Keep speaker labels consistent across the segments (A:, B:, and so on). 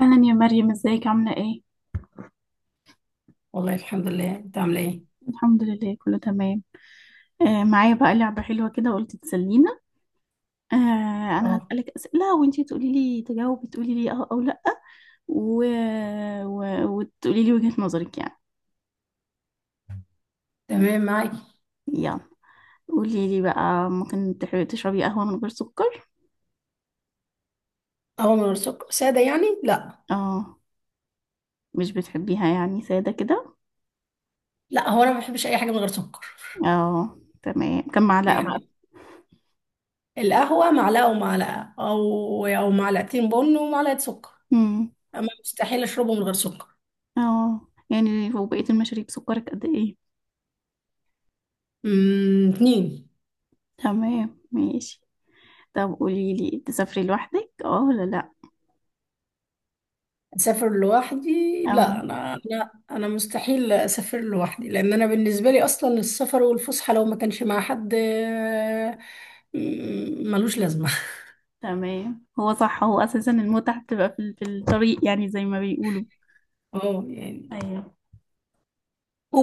A: اهلا يا مريم، ازيك؟ عامله ايه؟
B: والله الحمد لله. انت عامله ايه؟
A: الحمد لله، كله تمام. آه، معايا بقى لعبه حلوه كده، قلت تسلينا. آه. انا
B: اه،
A: هسالك اسئله وانتي تقولي لي، تجاوبي تقولي لي اه او لا. و... وتقولي لي وجهه نظرك يعني.
B: تمام معاكي.
A: يلا، قولي لي بقى، ممكن تحبي تشربي قهوه من غير سكر؟
B: قهوه من غير سكر ساده يعني؟ لا،
A: اه. مش بتحبيها يعني ساده كده؟
B: لا هو انا ما بحبش اي حاجه من غير سكر.
A: اه تمام. كم معلقه بقى؟
B: يعني القهوه معلقه ومعلقه او معلقتين بن ومعلقه سكر.
A: امم.
B: اما مستحيل اشربه من غير سكر.
A: اه، يعني وبقيه المشاريب سكرك قد ايه؟
B: امم، اتنين.
A: تمام ماشي. طب قولي لي، انت تسافري لوحدك، اه ولا لا؟
B: اسافر لوحدي؟
A: اه
B: لا، انا مستحيل اسافر لوحدي لان انا بالنسبه لي اصلا السفر والفسحه لو ما كانش مع حد ملوش لازمه.
A: تمام. هو صح، هو اساسا المتعة بتبقى في الطريق يعني، زي ما بيقولوا.
B: اه، يعني
A: ايوه.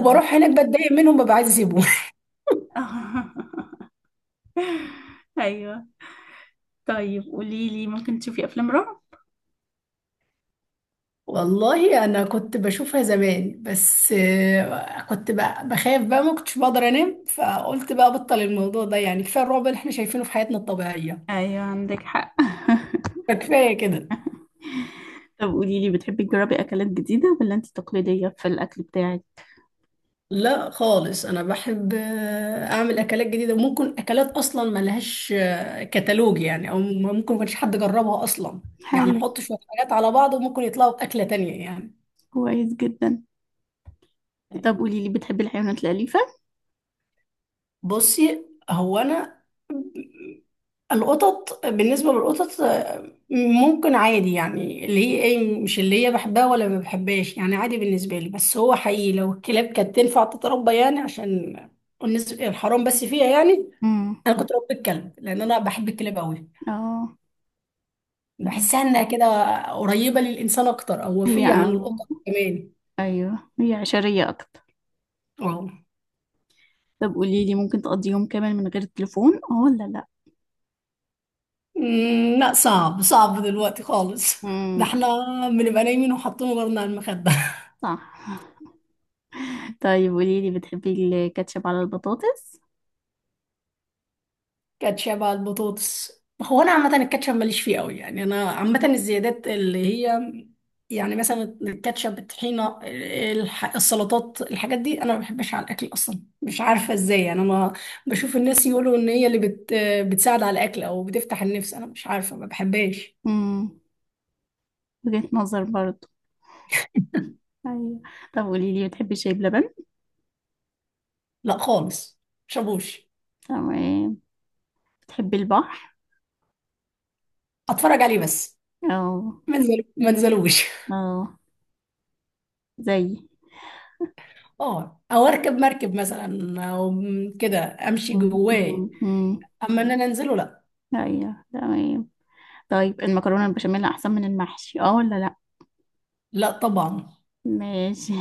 A: الطريق.
B: هناك بتضايق منهم ببقى عايزه اسيبهم.
A: ايوه. طيب قولي لي، ممكن تشوفي افلام رعب؟
B: والله انا كنت بشوفها زمان بس كنت بقى بخاف بقى ما كنتش بقدر انام، فقلت بقى بطل الموضوع ده. يعني كفايه الرعب اللي احنا شايفينه في حياتنا الطبيعيه،
A: ايوه عندك حق.
B: فكفايه كده.
A: طب قولي لي، بتحبي تجربي اكلات جديدة ولا انت تقليدية في الاكل بتاعك؟
B: لا خالص، انا بحب اعمل اكلات جديده، وممكن اكلات اصلا ما لهاش كتالوج يعني، او ممكن ما كانش حد جربها اصلا. يعني
A: حلو.
B: احط شويه حاجات على بعض وممكن يطلعوا باكله تانية يعني.
A: كويس جدا. طب قولي لي، بتحبي الحيوانات الأليفة؟
B: بصي، هو انا القطط، بالنسبة للقطط ممكن عادي يعني، اللي هي ايه، مش اللي هي بحبها ولا ما بحبهاش، يعني عادي بالنسبة لي. بس هو حقيقي لو الكلاب كانت تنفع تتربى، يعني عشان الحرام بس فيها يعني.
A: امم.
B: انا كنت ربيت كلب لان انا بحب الكلاب قوي.
A: اه تمام.
B: بحسها انها كده قريبة للانسان اكتر، او
A: هي
B: وفية عن
A: اه.
B: القطط كمان.
A: ايوه، هي عشرية اكتر.
B: اه،
A: طب قولي لي، ممكن تقضي يوم كامل من غير التليفون، اه ولا لا؟
B: أمم، لا صعب، صعب دلوقتي خالص. ده
A: امم.
B: احنا بنبقى نايمين وحاطين غيرنا على المخدة.
A: صح. طيب قولي لي، بتحبي الكاتشب على البطاطس؟
B: كاتشب على البطاطس؟ هو انا عامه الكاتشب ماليش فيه قوي يعني. انا عامه الزيادات اللي هي، يعني مثلا الكاتشب، الطحينه، السلطات، الحاجات دي انا ما بحبش على الاكل اصلا. مش عارفه ازاي يعني، انا ما بشوف الناس يقولوا ان هي اللي بتساعد على الاكل او بتفتح النفس. انا مش عارفه، ما بحبهاش.
A: امم. وجهة نظر برضو. ايوه. طب قولي لي، بتحبي شاي بلبن؟
B: لا خالص، مشابوش.
A: تمام. بتحبي البحر؟
B: اتفرج عليه بس.
A: اه.
B: ما انزلوش.
A: اه زي.
B: اه، او اركب مركب مثلا او كده، امشي
A: امم.
B: جواه.
A: أمم.
B: اما ان انا انزله، لا.
A: ايوه تمام. طيب، المكرونة البشاميل احسن من المحشي، اه ولا لا؟
B: لا طبعا.
A: ماشي.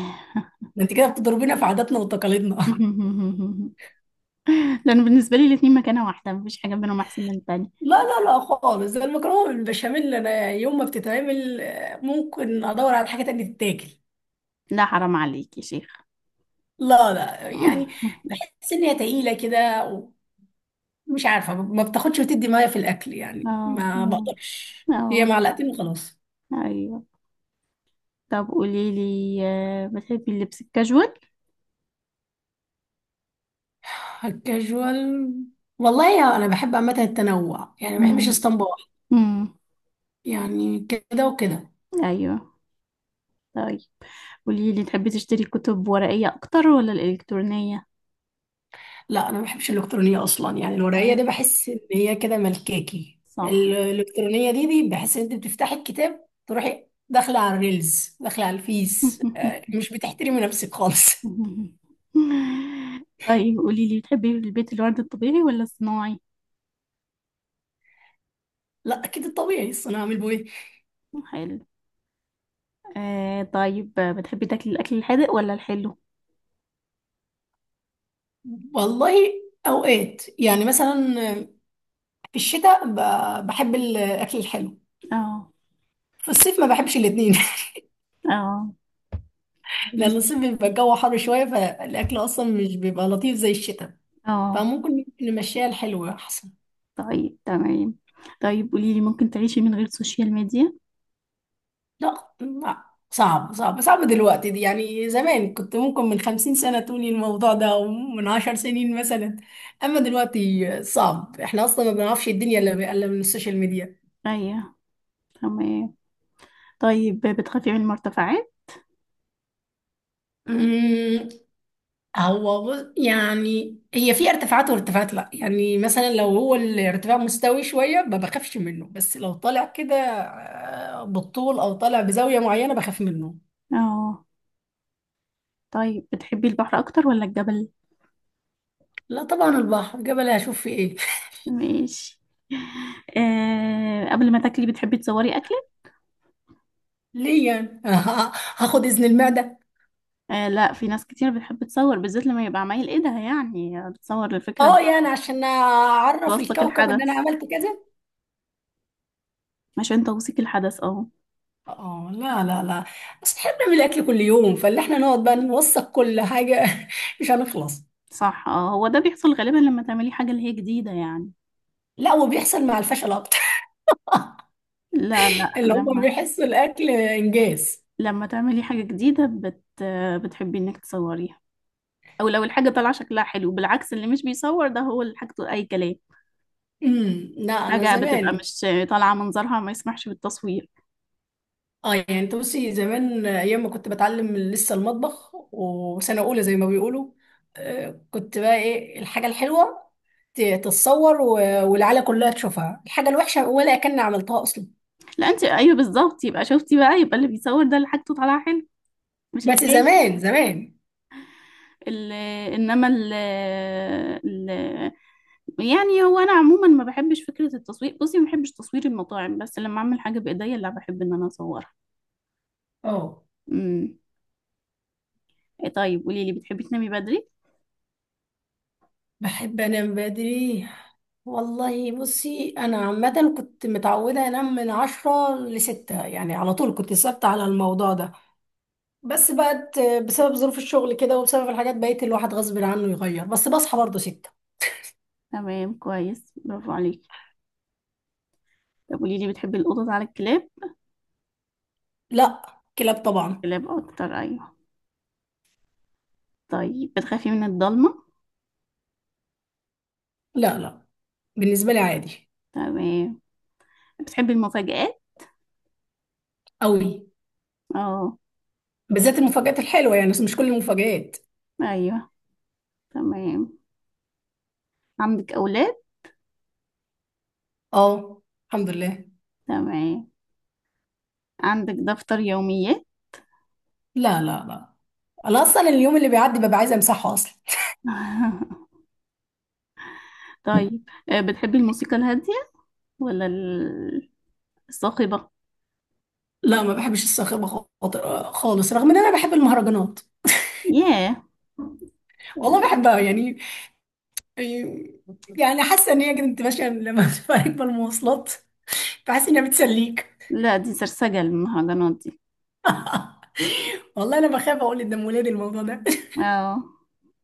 B: ده انت كده بتضربينا في عاداتنا وتقاليدنا.
A: لان بالنسبة لي الاتنين مكانة واحدة، مفيش حاجة بينهم احسن من التانية.
B: لا خالص، ده المكرونه بالبشاميل انا يوم ما بتتعمل ممكن ادور على حاجه تانية تتاكل.
A: لا حرام عليك يا شيخ.
B: لا لا يعني،
A: اه.
B: بحس ان هي تقيله كده، ومش عارفه ما بتاخدش وتدي معايا في الاكل يعني. ما
A: اه.
B: بقدرش، هي
A: اه.
B: معلقتين وخلاص.
A: ايوه. طب قولي لي، بتحبي اللبس الكاجوال؟
B: كاجوال؟ والله يا انا بحب عامه التنوع، يعني ما بحبش
A: مم.
B: اسطمبه واحده.
A: مم.
B: يعني كده وكده.
A: ايوه. طيب قولي لي، تحبي تشتري كتب ورقية اكتر ولا الالكترونية؟
B: لا انا ما بحبش الالكترونيه اصلا. يعني الورقيه
A: اه.
B: دي بحس ان هي كده ملكاكي،
A: صح.
B: الالكترونيه دي بحس ان انت بتفتحي الكتاب تروحي داخله على الريلز، داخله على الفيس، مش بتحترمي نفسك خالص.
A: طيب قولي لي، بتحبي البيت الورد الطبيعي ولا الصناعي؟
B: لا اكيد الطبيعي، اصل انا هعمل بيه.
A: حلو. طيب، بتحبي تاكلي الاكل الحادق ولا الحلو؟
B: والله اوقات يعني مثلا في الشتاء بحب الاكل الحلو،
A: اه.
B: في الصيف ما بحبش الاتنين.
A: اه.
B: لان
A: ماشي.
B: الصيف بيبقى الجو حر شويه، فالاكل اصلا مش بيبقى لطيف زي الشتاء.
A: اه
B: فممكن نمشيها الحلو احسن.
A: طيب. تمام. طيب قولي لي، ممكن تعيشي من غير سوشيال ميديا؟
B: لا، لا صعب صعب صعب دلوقتي دي يعني. زمان كنت ممكن من 50 سنة تقولي الموضوع ده، أو من 10 سنين مثلا. أما دلوقتي صعب، احنا أصلا ما بنعرفش الدنيا إلا من السوشيال ميديا.
A: ايوه تمام. طيب بتخافي من المرتفعات؟
B: أمم، هو يعني هي في ارتفاعات وارتفاعات. لا يعني مثلا لو هو الارتفاع مستوي شوية ما بخافش منه، بس لو طالع كده بالطول أو طالع بزاوية معينة بخاف منه.
A: اه. طيب بتحبي البحر اكتر ولا الجبل؟
B: لا طبعا البحر، جبل هشوف فيه ايه؟
A: ماشي. قبل ما تاكلي بتحبي تصوري اكلك؟
B: ليه يعني؟ هاخد إذن المعدة.
A: آه لا، في ناس كتير بتحب تصور، بالذات لما يبقى عمايل ايدها يعني، بتصور الفكرة إن
B: اه يعني عشان اعرف
A: توثق
B: الكوكب ان انا
A: الحدث.
B: عملت كذا.
A: عشان توثيق الحدث اه.
B: اه، لا لا بس احنا بنعمل اكل كل يوم، فاللي احنا نقعد بقى نوثق كل حاجه مش هنخلص.
A: صح. اه، هو ده بيحصل غالبا لما تعملي حاجة اللي هي جديدة يعني.
B: لا، وبيحصل مع الفشل اكتر.
A: لا لا،
B: اللي هم
A: لما
B: بيحسوا الاكل انجاز.
A: لما تعملي حاجة جديدة بتحبي انك تصوريها، او لو الحاجة طالعة شكلها حلو. بالعكس، اللي مش بيصور ده هو اللي حاجته اي كلام.
B: امم، لا انا
A: حاجة بتبقى
B: زمان.
A: مش طالعة منظرها ما يسمحش بالتصوير.
B: اه يعني انت بصي، زمان ايام ما كنت بتعلم لسه المطبخ وسنه اولى زي ما بيقولوا، كنت بقى ايه؟ الحاجه الحلوه تتصور والعيله كلها تشوفها، الحاجه الوحشه ولا كان عملتها اصلا.
A: لا انت ايوه، بالظبط، يبقى شفتي بقى، يبقى اللي بيصور ده اللي حاجته طالعة حلو، مش
B: بس
A: الفاشل.
B: زمان زمان.
A: ال- انما ال... يعني هو انا عموما ما بحبش فكرة التصوير، بصي ما بحبش تصوير المطاعم، بس لما اعمل حاجة بايديا لا بحب ان انا اصورها.
B: اه
A: امم. طيب قولي لي، بتحبي تنامي بدري؟
B: بحب انام بدري. والله بصي انا عامه كنت متعوده انام من 10 لستة، يعني على طول كنت ثابته على الموضوع ده. بس بقت، بسبب ظروف الشغل كده وبسبب الحاجات بقيت الواحد غصب عنه يغير، بس بصحى برضه ستة.
A: تمام كويس، برافو عليكي. طب قولي لي، بتحبي القطط على الكلاب؟
B: لا، كلاب طبعا.
A: كلاب اكتر ايوه. طيب بتخافي من الضلمه؟
B: لا لا، بالنسبه لي عادي.
A: تمام. بتحبي المفاجآت؟
B: قوي،
A: اه.
B: بالذات المفاجآت الحلوه يعني، بس مش كل المفاجآت.
A: ايوه تمام. عندك اولاد؟
B: اه الحمد لله.
A: تمام. عندك دفتر يوميات؟
B: لا لا انا اصلا اليوم اللي بيعدي ببقى عايزه امسحه اصلا.
A: طيب بتحبي الموسيقى الهاديه ولا الصاخبه؟
B: لا، ما بحبش الصاخبة خالص، رغم ان انا بحب المهرجانات.
A: ياه.
B: والله بحبها يعني. يعني حاسة ان هي كانت ماشية لما تبقى راكبة المواصلات، بحس انها بتسليك.
A: لا دي سرسجه المهرجانات دي.
B: والله انا بخاف اقول قدام ولادي الموضوع ده.
A: اه،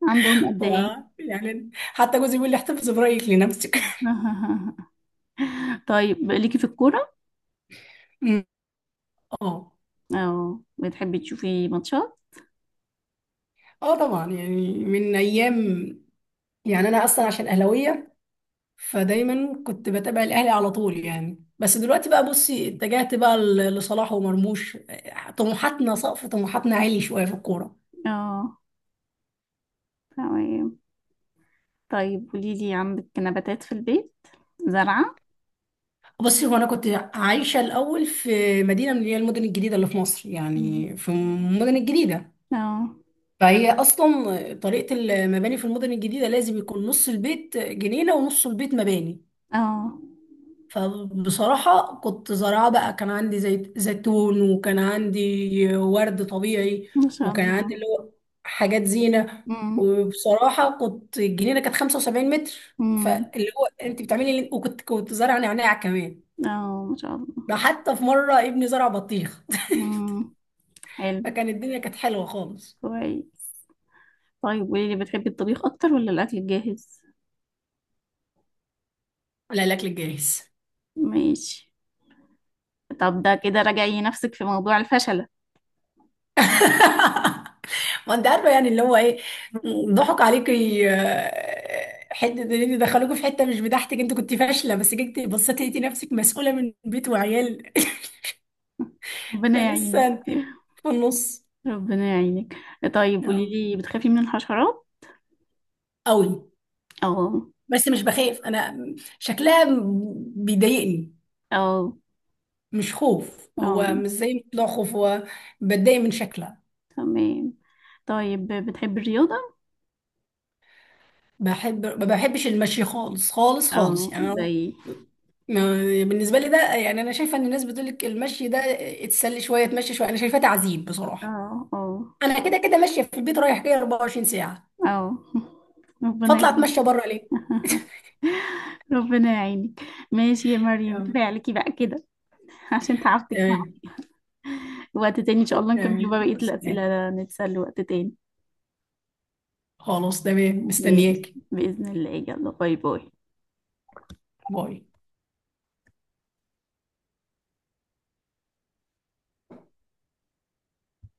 A: عندهم قد
B: و،
A: ايه؟
B: يعني حتى جوزي بيقول لي احتفظ برايك لنفسك.
A: طيب، ليكي في الكوره؟
B: اه،
A: اه، بتحبي تشوفي ماتشات؟
B: اه طبعا، يعني من ايام. يعني انا اصلا عشان اهلاويه، فدايما كنت بتابع الاهلي على طول يعني، بس دلوقتي بقى بصي اتجهت بقى لصلاح ومرموش. طموحاتنا، سقف طموحاتنا عالي شويه في الكوره.
A: اه تمام. طيب قولي لي، عندك نباتات في البيت؟ زرعة.
B: بصي، هو انا كنت عايشه الاول في مدينه من اللي هي المدن الجديده اللي في مصر.
A: مم.
B: يعني في المدن الجديده،
A: اه.
B: فهي اصلا طريقه المباني في المدن الجديده لازم يكون نص البيت جنينه ونص البيت مباني.
A: اه
B: فبصراحة كنت زراعة بقى، كان عندي زي زيتون، وكان عندي ورد طبيعي،
A: ما شاء
B: وكان عندي
A: الله.
B: اللي هو حاجات زينة.
A: مم.
B: وبصراحة كنت، الجنينة كانت 75 متر،
A: مم.
B: فاللي هو انت بتعملي اللي... وكنت زارعة نعناع كمان.
A: اه ما شاء الله.
B: ده حتى في مرة ابني زرع بطيخ.
A: مم. حلو.
B: فكان الدنيا كانت حلوة خالص.
A: كويس. طيب قولي لي، بتحبي الطبيخ اكتر ولا الاكل الجاهز؟
B: على الأكل الجاهز.
A: ماشي. طب ده كده راجعي نفسك في موضوع الفشلة.
B: ما انت عارفه، يعني اللي هو ايه، ضحك عليكي، حته ان انت دخلوكي في حته مش بتاعتك، انت كنت فاشله، بس جيتي بصيتي لقيتي نفسك مسؤوله من بيت وعيال.
A: ربنا يعينك.
B: فلسه انت في النص.
A: ربنا يعينك. طيب قولي
B: اه
A: لي، بتخافي من الحشرات؟
B: قوي،
A: اه.
B: بس مش بخاف انا، شكلها بيضايقني.
A: اه.
B: مش خوف،
A: اه.
B: هو مش زي بتوع خوف، هو بتضايق من شكلها.
A: تمام. طيب بتحبي الرياضة؟
B: بحب، ما بحبش المشي خالص خالص خالص.
A: اه
B: يعني أنا
A: زي.
B: بالنسبة لي ده يعني. أنا شايفة إن الناس بتقولك المشي ده اتسلي شوية، تمشي شوية، أنا شايفاه تعذيب بصراحة.
A: اه. اه.
B: أنا كده كده ماشية في البيت رايح جاي 24 ساعة،
A: اه. ربنا
B: فأطلع
A: يعينك.
B: أتمشى بره ليه؟
A: ربنا يعينك. ماشي يا مريم،
B: تمام،
A: كفاية عليكي بقى كده. عشان تعبتك.
B: تمام
A: وقت تاني ان شاء الله نكمل بقى
B: تمام.
A: بقية
B: بس يعني،
A: الأسئلة، نتسلى وقت تاني.
B: خلاص تمام،
A: ماشي.
B: مستنياك.
A: بإذن الله، يلا باي باي.
B: باي.